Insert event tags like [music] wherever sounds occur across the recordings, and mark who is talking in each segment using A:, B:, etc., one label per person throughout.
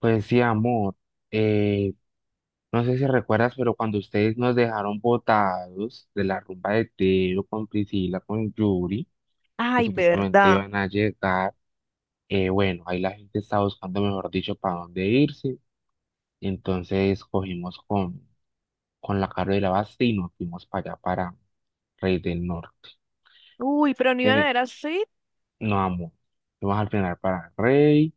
A: Pues sí, amor. Eh, no sé si recuerdas, pero cuando ustedes nos dejaron botados de la rumba de Teo con Priscila, con Yuri, que
B: Ay,
A: supuestamente
B: verdad.
A: iban a llegar. Bueno, ahí la gente estaba buscando, mejor dicho, para dónde irse. Entonces cogimos con la Caro de la Basta y nos fuimos para allá, para Rey del Norte.
B: Uy, pero no iban a
A: Tiene
B: ver así.
A: No, amor. Fuimos al final para Rey.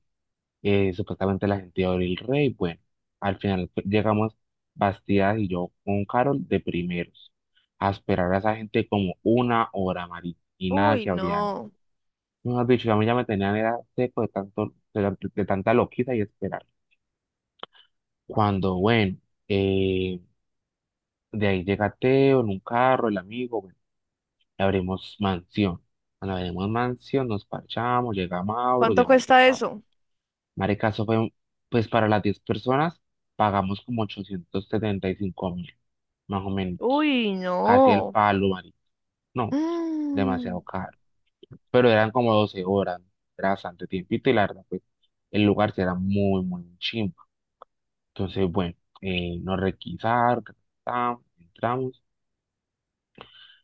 A: Supuestamente la gente iba a abrir el rey. Bueno, al final pues, llegamos Bastidas y yo con Carol de primeros a esperar a esa gente como una hora, Mari, y nada
B: Uy,
A: que abrían.
B: no.
A: Mejor dicho, si a mí ya me tenían era seco de tanto, de tanta loquita y esperar. Cuando, bueno, eh, de ahí llega Teo en un carro, el amigo, bueno, y abrimos mansión. Cuando abrimos mansión, nos parchamos, llega Mauro,
B: ¿Cuánto
A: llega
B: cuesta
A: Tocar.
B: eso?
A: Marica, eso fue, pues para las 10 personas pagamos como 875.000, más o menos.
B: Uy,
A: Casi el
B: no.
A: palo, marica. No, demasiado
B: Mm,
A: caro. Pero eran como 12 horas, ¿no? Era bastante tiempito y la verdad, pues el lugar sí era muy, muy chimba. Entonces, bueno, nos requisaron, ta, ta, ta, entramos.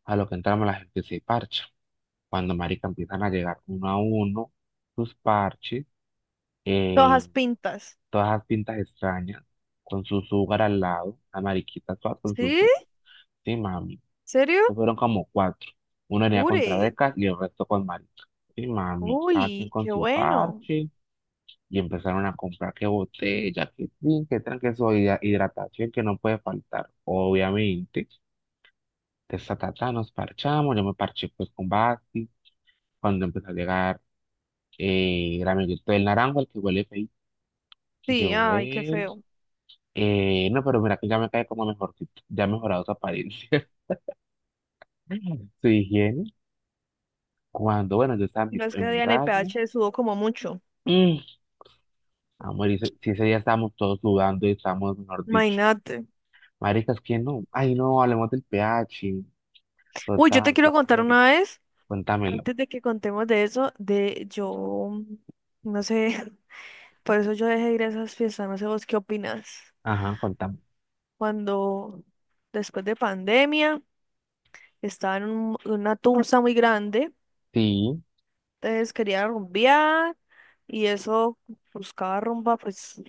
A: A lo que entramos la gente se parcha. Cuando marica empiezan a llegar uno a uno, sus parches, eh,
B: todas pintas.
A: todas las pintas extrañas, con su sugar al lado, la mariquita toda con su
B: ¿Sí?
A: sugar. Sí, mami.
B: ¿Serio?
A: Eso fueron como cuatro. Uno venía contra
B: Ure.
A: becas y el resto con marica. Sí, mami. Cada quien
B: Uy,
A: con
B: qué
A: su
B: bueno.
A: parche. Y empezaron a comprar qué botella, qué drink, qué tran, que eso hidratación que no puede faltar, obviamente. Ta, ta, nos parchamos, yo me parché pues con Basti, cuando empezó a llegar, el amiguito del naranjo, el que huele feo,
B: Sí,
A: llegó
B: ay, qué
A: él.
B: feo.
A: No, pero mira que ya me cae como mejorcito, ya ha mejorado su apariencia, [laughs] su higiene, cuando, bueno, yo estaba en
B: Y
A: mi,
B: no es que
A: en mi
B: Diana y
A: raya,
B: PH sudó como mucho.
A: mm, amor, y si ese día estábamos todos sudando y estábamos, mejor dicho,
B: Imagínate.
A: maricas, ¿quién no? Ay, no, hablemos del pH,
B: Uy, yo te
A: total, qué
B: quiero contar
A: chévere,
B: una vez,
A: cuéntamelo,
B: antes de que contemos de eso, de yo, no sé, [laughs] por eso yo dejé de ir a esas fiestas, no sé vos qué opinas.
A: ajá, cuéntame,
B: Cuando después de pandemia estaba en una tusa muy grande,
A: sí.
B: entonces quería rumbear y eso, buscaba rumba pues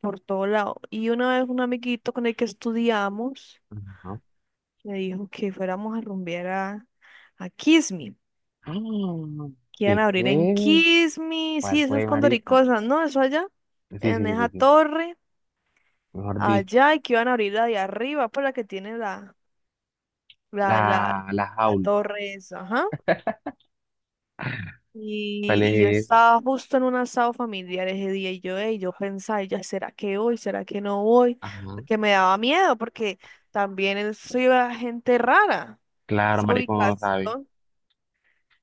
B: por todo lado. Y una vez un amiguito con el que estudiamos me dijo que fuéramos a rumbear a Kismi,
A: Ah,
B: que iban a
A: ¿qué,
B: abrir en
A: qué?
B: Kismi. Sí,
A: ¿Cuál
B: eso es
A: fue, marica?
B: Condoricosas, ¿no? Eso allá,
A: Sí, sí,
B: en
A: sí,
B: esa
A: sí, sí.
B: torre,
A: Mejor dicho,
B: allá, y que iban a abrir la de arriba, por la que tiene la,
A: la,
B: la, la,
A: la
B: la
A: jaula.
B: torre esa, ajá.
A: [laughs] ¿Cuál
B: Y yo
A: es esa?
B: estaba justo en un asado familiar ese día y yo, ey, yo pensaba, y ya, ¿será que voy? ¿Será que no voy?
A: Ajá.
B: Porque me daba miedo, porque también eso iba gente rara,
A: Claro,
B: esa
A: marica, uno no sabe.
B: ubicación.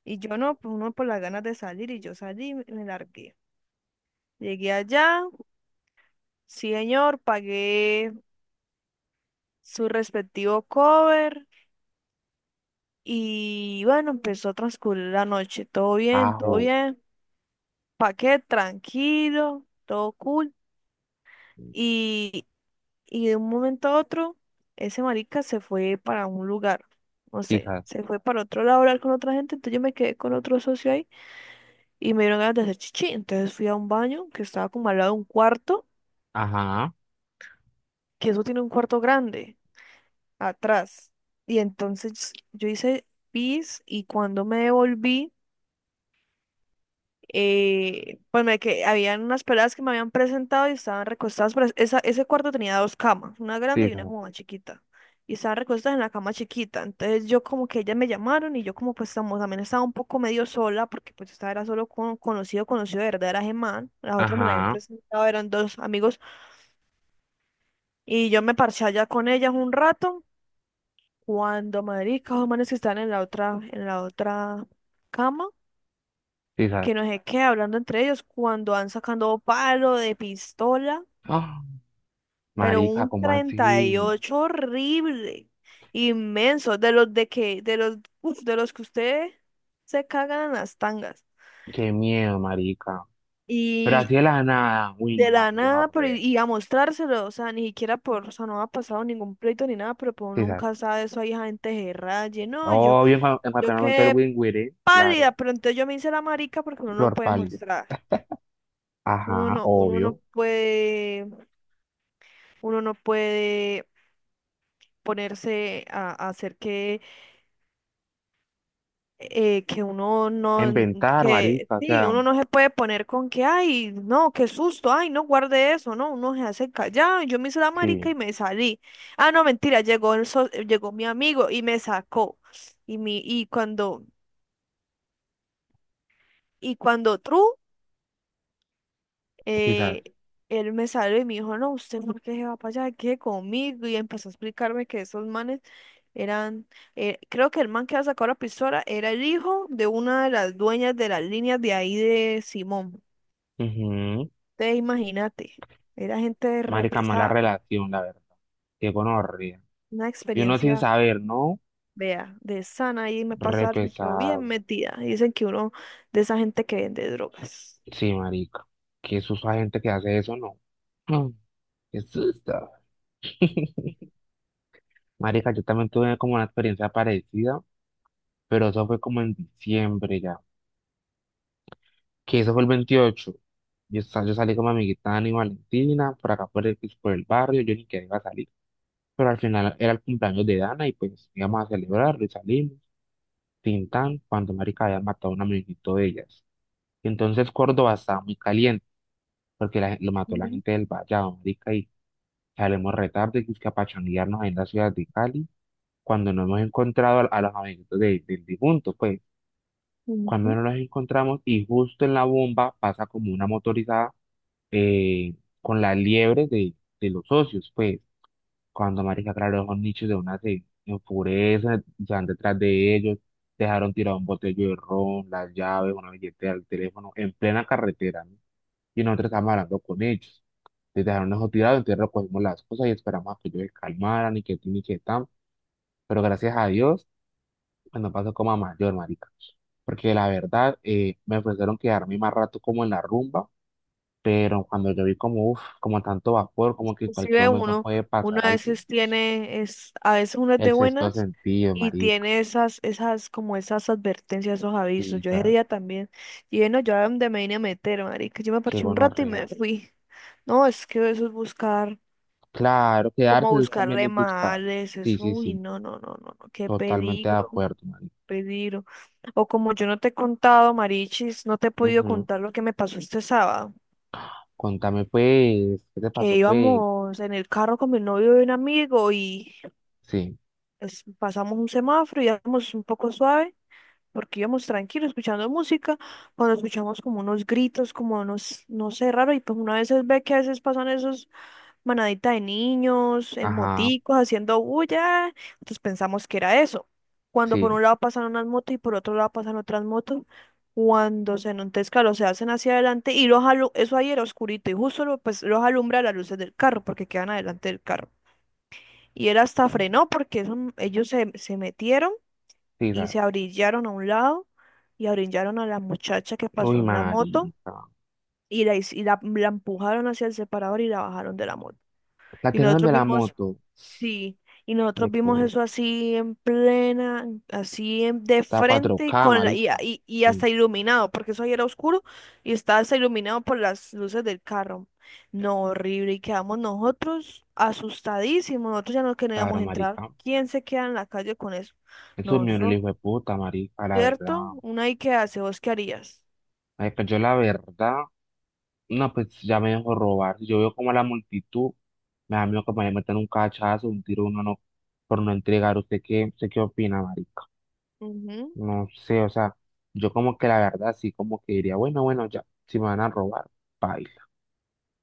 B: Y yo no, pues uno por las ganas de salir y yo salí y me largué. Llegué allá, sí señor, pagué su respectivo cover y bueno, empezó a transcurrir la noche, todo
A: Ajo.
B: bien, paqué tranquilo, todo cool. Y, y de un momento a otro, ese marica se fue para un lugar, no sé,
A: Quizás.
B: se fue para otro lado a hablar con otra gente, entonces yo me quedé con otro socio ahí y me dieron ganas de hacer chichi, entonces fui a un baño que estaba como al lado de un cuarto,
A: Ajá.
B: que eso tiene un cuarto grande atrás, y entonces yo hice pis y cuando me devolví pues me que habían unas peladas que me habían presentado y estaban recostadas, pero esa, ese cuarto tenía dos camas, una grande y una
A: Quizás.
B: como más chiquita. Y estaban recostadas en la cama chiquita. Entonces yo como que ellas me llamaron y yo como pues estamos, también estaba un poco medio sola porque pues estaba era solo con conocido, conocido de verdad era Gemán. Las otras me la habían
A: Ajá.
B: presentado, eran dos amigos. Y yo me parché allá con ellas un rato. Cuando marica, los manes que estaban en la otra cama
A: Quizás.
B: que no sé qué, hablando entre ellos, cuando van sacando palo de pistola,
A: Ah,
B: pero
A: marica,
B: un
A: ¿cómo así?
B: 38 horrible, inmenso, de los de que, de los, [laughs] uf, de los que ustedes se cagan en las tangas.
A: Qué miedo, marica. Pero así
B: Y
A: de la nada. Uy,
B: de
A: no,
B: la
A: qué
B: nada, pero
A: gonorrea.
B: y a mostrárselo, o sea, ni siquiera por, o sea, no ha pasado ningún pleito ni nada, pero pues uno
A: Quizás.
B: nunca sabe eso, hay gente que raye, no, yo,
A: Obvio, en
B: yo
A: cualquier momento el
B: quedé
A: wingüire,
B: pálida,
A: claro.
B: pero entonces yo me hice la marica porque uno no
A: Flor
B: puede
A: pálida.
B: mostrar, uno
A: Ajá,
B: no,
A: obvio.
B: uno no puede ponerse a hacer que uno
A: A
B: no,
A: inventar,
B: que
A: marica, o
B: sí,
A: sea.
B: uno no se puede poner con que, ay, no, qué susto, ay, no guarde eso, no, uno se hace callado, yo me hice la marica
A: Sí,
B: y me salí. Ah, no, mentira, llegó el llegó mi amigo y me sacó. Y mi, y cuando tru
A: quizás.
B: eh, él me salió y me dijo, no, usted por qué se va para allá, quede conmigo. Y empezó a explicarme que esos manes eran, creo que el man que había sacado la pistola era el hijo de una de las dueñas de las líneas de ahí de Simón.
A: Ujú.
B: Te imagínate, era gente
A: Marica, mala
B: repesada,
A: relación, la verdad. Qué gonorrea.
B: una
A: Y uno sin
B: experiencia,
A: saber, ¿no?
B: vea, de sana y me
A: Re
B: pasa algo y quedó bien
A: pesado.
B: metida. Dicen que uno de esa gente que vende drogas.
A: Sí, marica. Qué susto a gente que hace eso, ¿no? Mm. Qué susto. [laughs] Marica, yo también tuve como una experiencia parecida, pero eso fue como en diciembre ya. Que eso fue el 28. Yo salí con mi amiguita Dani Valentina, por acá por el barrio, yo ni que iba a salir. Pero al final era el cumpleaños de Dana y pues íbamos a celebrarlo y salimos. Tintán cuando marica había matado a un amiguito de ellas. Y entonces Córdoba estaba muy caliente porque lo mató la
B: Ujú,
A: gente del Vallado, marica, y salimos retarde que es que a pachanguearnos ahí en la ciudad de Cali cuando no hemos encontrado a, los amiguitos del difunto, pues cuando
B: ujú.
A: no los encontramos y justo en la bomba pasa como una motorizada, eh, con la liebre de los socios, pues. Cuando, marica, claro, esos nichos de una se enfurecen, se van detrás de ellos, dejaron tirado un botello de ron, las llaves, una billetera, el teléfono, en plena carretera, ¿no? Y nosotros estábamos hablando con ellos. Les dejaron eso tirado, entonces recogimos las cosas y esperamos a que ellos se calmaran y que tin y que tan. Pero gracias a Dios, pues, no pasó como a mayor, marica. Porque la verdad, me ofrecieron quedarme más rato como en la rumba, pero cuando yo vi como, uff, como tanto vapor, como que en cualquier
B: Inclusive
A: momento
B: uno,
A: puede
B: uno
A: pasar
B: a
A: algo,
B: veces tiene, es, a veces uno es
A: el
B: de
A: sexto
B: buenas
A: sentido,
B: y
A: marica.
B: tiene esas, esas, como esas advertencias, esos
A: Sí,
B: avisos. Yo ese
A: tas,
B: día también, y bueno, yo a donde me vine a meter, marica, yo me
A: qué
B: parché un rato y me
A: gonorrea.
B: fui. No, es que eso es buscar,
A: Claro,
B: como
A: quedarse
B: buscar
A: también es buscar.
B: remales,
A: Sí,
B: eso,
A: sí,
B: uy,
A: sí,
B: no, no, no, no, no, qué
A: totalmente de
B: peligro,
A: acuerdo, marica.
B: peligro. O como yo no te he contado, Marichis, no te he podido
A: Ujú.
B: contar lo que me pasó este sábado,
A: Contame, pues, ¿qué te pasó,
B: que
A: pues?
B: íbamos en el carro con mi novio y un amigo y...
A: Sí,
B: pasamos un semáforo y íbamos un poco suave, porque íbamos tranquilos escuchando música, cuando escuchamos como unos gritos, como unos, no sé, raro, y pues uno a veces ve que a veces pasan esos manaditas de niños, en
A: ajá,
B: moticos, haciendo bulla, entonces pensamos que era eso. Cuando por
A: sí,
B: un lado pasan unas motos y por otro lado pasan otras motos, cuando se enlontezca, los se hacen hacia adelante y los eso ahí era oscurito y justo pues los alumbra las luces del carro porque quedan adelante del carro. Y él hasta
A: mm.
B: frenó porque eso, ellos se, se metieron
A: Sí,
B: y
A: tas.
B: se abrillaron a un lado y abrillaron a la muchacha que
A: Uy,
B: pasó en la moto
A: marica.
B: y la, y la empujaron hacia el separador y la bajaron de la moto.
A: La
B: Y
A: tiraron
B: nosotros
A: de la
B: vimos.
A: moto,
B: Sí, y nosotros vimos
A: puta,
B: eso así en plena, así de
A: cuatro
B: frente y
A: k
B: con la,
A: marica.
B: y
A: Sí,
B: hasta iluminado, porque eso ahí era oscuro y estaba hasta iluminado por las luces del carro. No, horrible, y quedamos nosotros asustadísimos, nosotros ya no
A: claro,
B: queríamos entrar.
A: marica.
B: ¿Quién se queda en la calle con eso?
A: Eso es
B: No,
A: mío, el
B: eso,
A: hijo de puta, marica, la
B: ¿cierto?
A: verdad.
B: Una y qué hace, ¿vos qué harías?
A: Marica, yo la verdad. No, pues ya me dejó robar. Si yo veo como a la multitud, me da miedo que me metan un cachazo, un tiro, uno no, por no entregar. ¿Usted qué opina, marica?
B: Ujú,
A: No sé, o sea, yo como que la verdad sí como que diría, bueno, bueno, ya, si me van a robar, baila.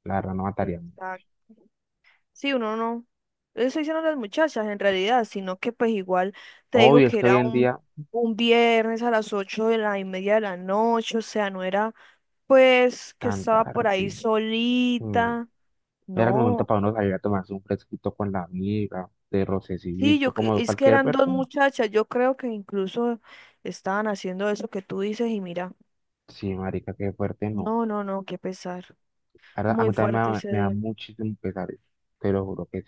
A: La verdad no matarían.
B: exacto. Sí, uno no. Eso estoy diciendo las muchachas en realidad, sino que pues igual te digo
A: Obvio, es
B: que
A: que hoy
B: era
A: en día,
B: un viernes a las ocho de la y media de la noche, o sea, no era pues que
A: tan
B: estaba por ahí
A: tarde. mm,
B: solita,
A: Era el momento
B: no.
A: para uno salir a tomarse un fresquito con la amiga, de
B: Sí,
A: rocecillito, como
B: es que
A: cualquier
B: eran dos
A: persona.
B: muchachas, yo creo que incluso estaban haciendo eso que tú dices y mira,
A: Sí, marica, qué fuerte, no.
B: no, no, no, qué pesar.
A: La verdad, a
B: Muy
A: mí también me
B: fuerte
A: da,
B: ese
A: me da
B: día.
A: muchísimo pesar eso, te lo juro que.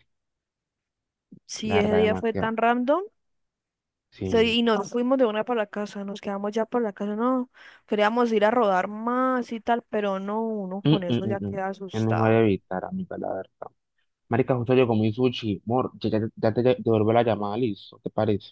A: La
B: Sí, ese
A: verdad,
B: día fue
A: demasiado.
B: tan random.
A: Sí.
B: Sí, y nos fuimos de una para la casa, nos quedamos ya para la casa, no, queríamos ir a rodar más y tal, pero no, uno
A: Mm,
B: con
A: mm,
B: eso
A: mm,
B: ya
A: mm.
B: queda
A: Es mejor
B: asustado.
A: evitar, amiga, la verdad. Marica, justo yo comí sushi. Mor, ya te devuelvo la llamada, listo. ¿Te parece?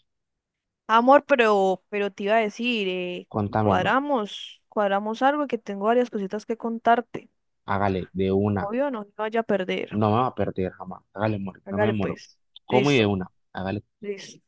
B: Amor, pero te iba a decir,
A: Contámelo.
B: cuadramos, cuadramos algo que tengo varias cositas que contarte.
A: Hágale, de una.
B: Obvio, no te vaya a perder.
A: No me va a perder jamás. Hágale, mor. No me
B: Hágale
A: demoro.
B: pues.
A: Como y de
B: Listo,
A: una. Hágale.
B: listo.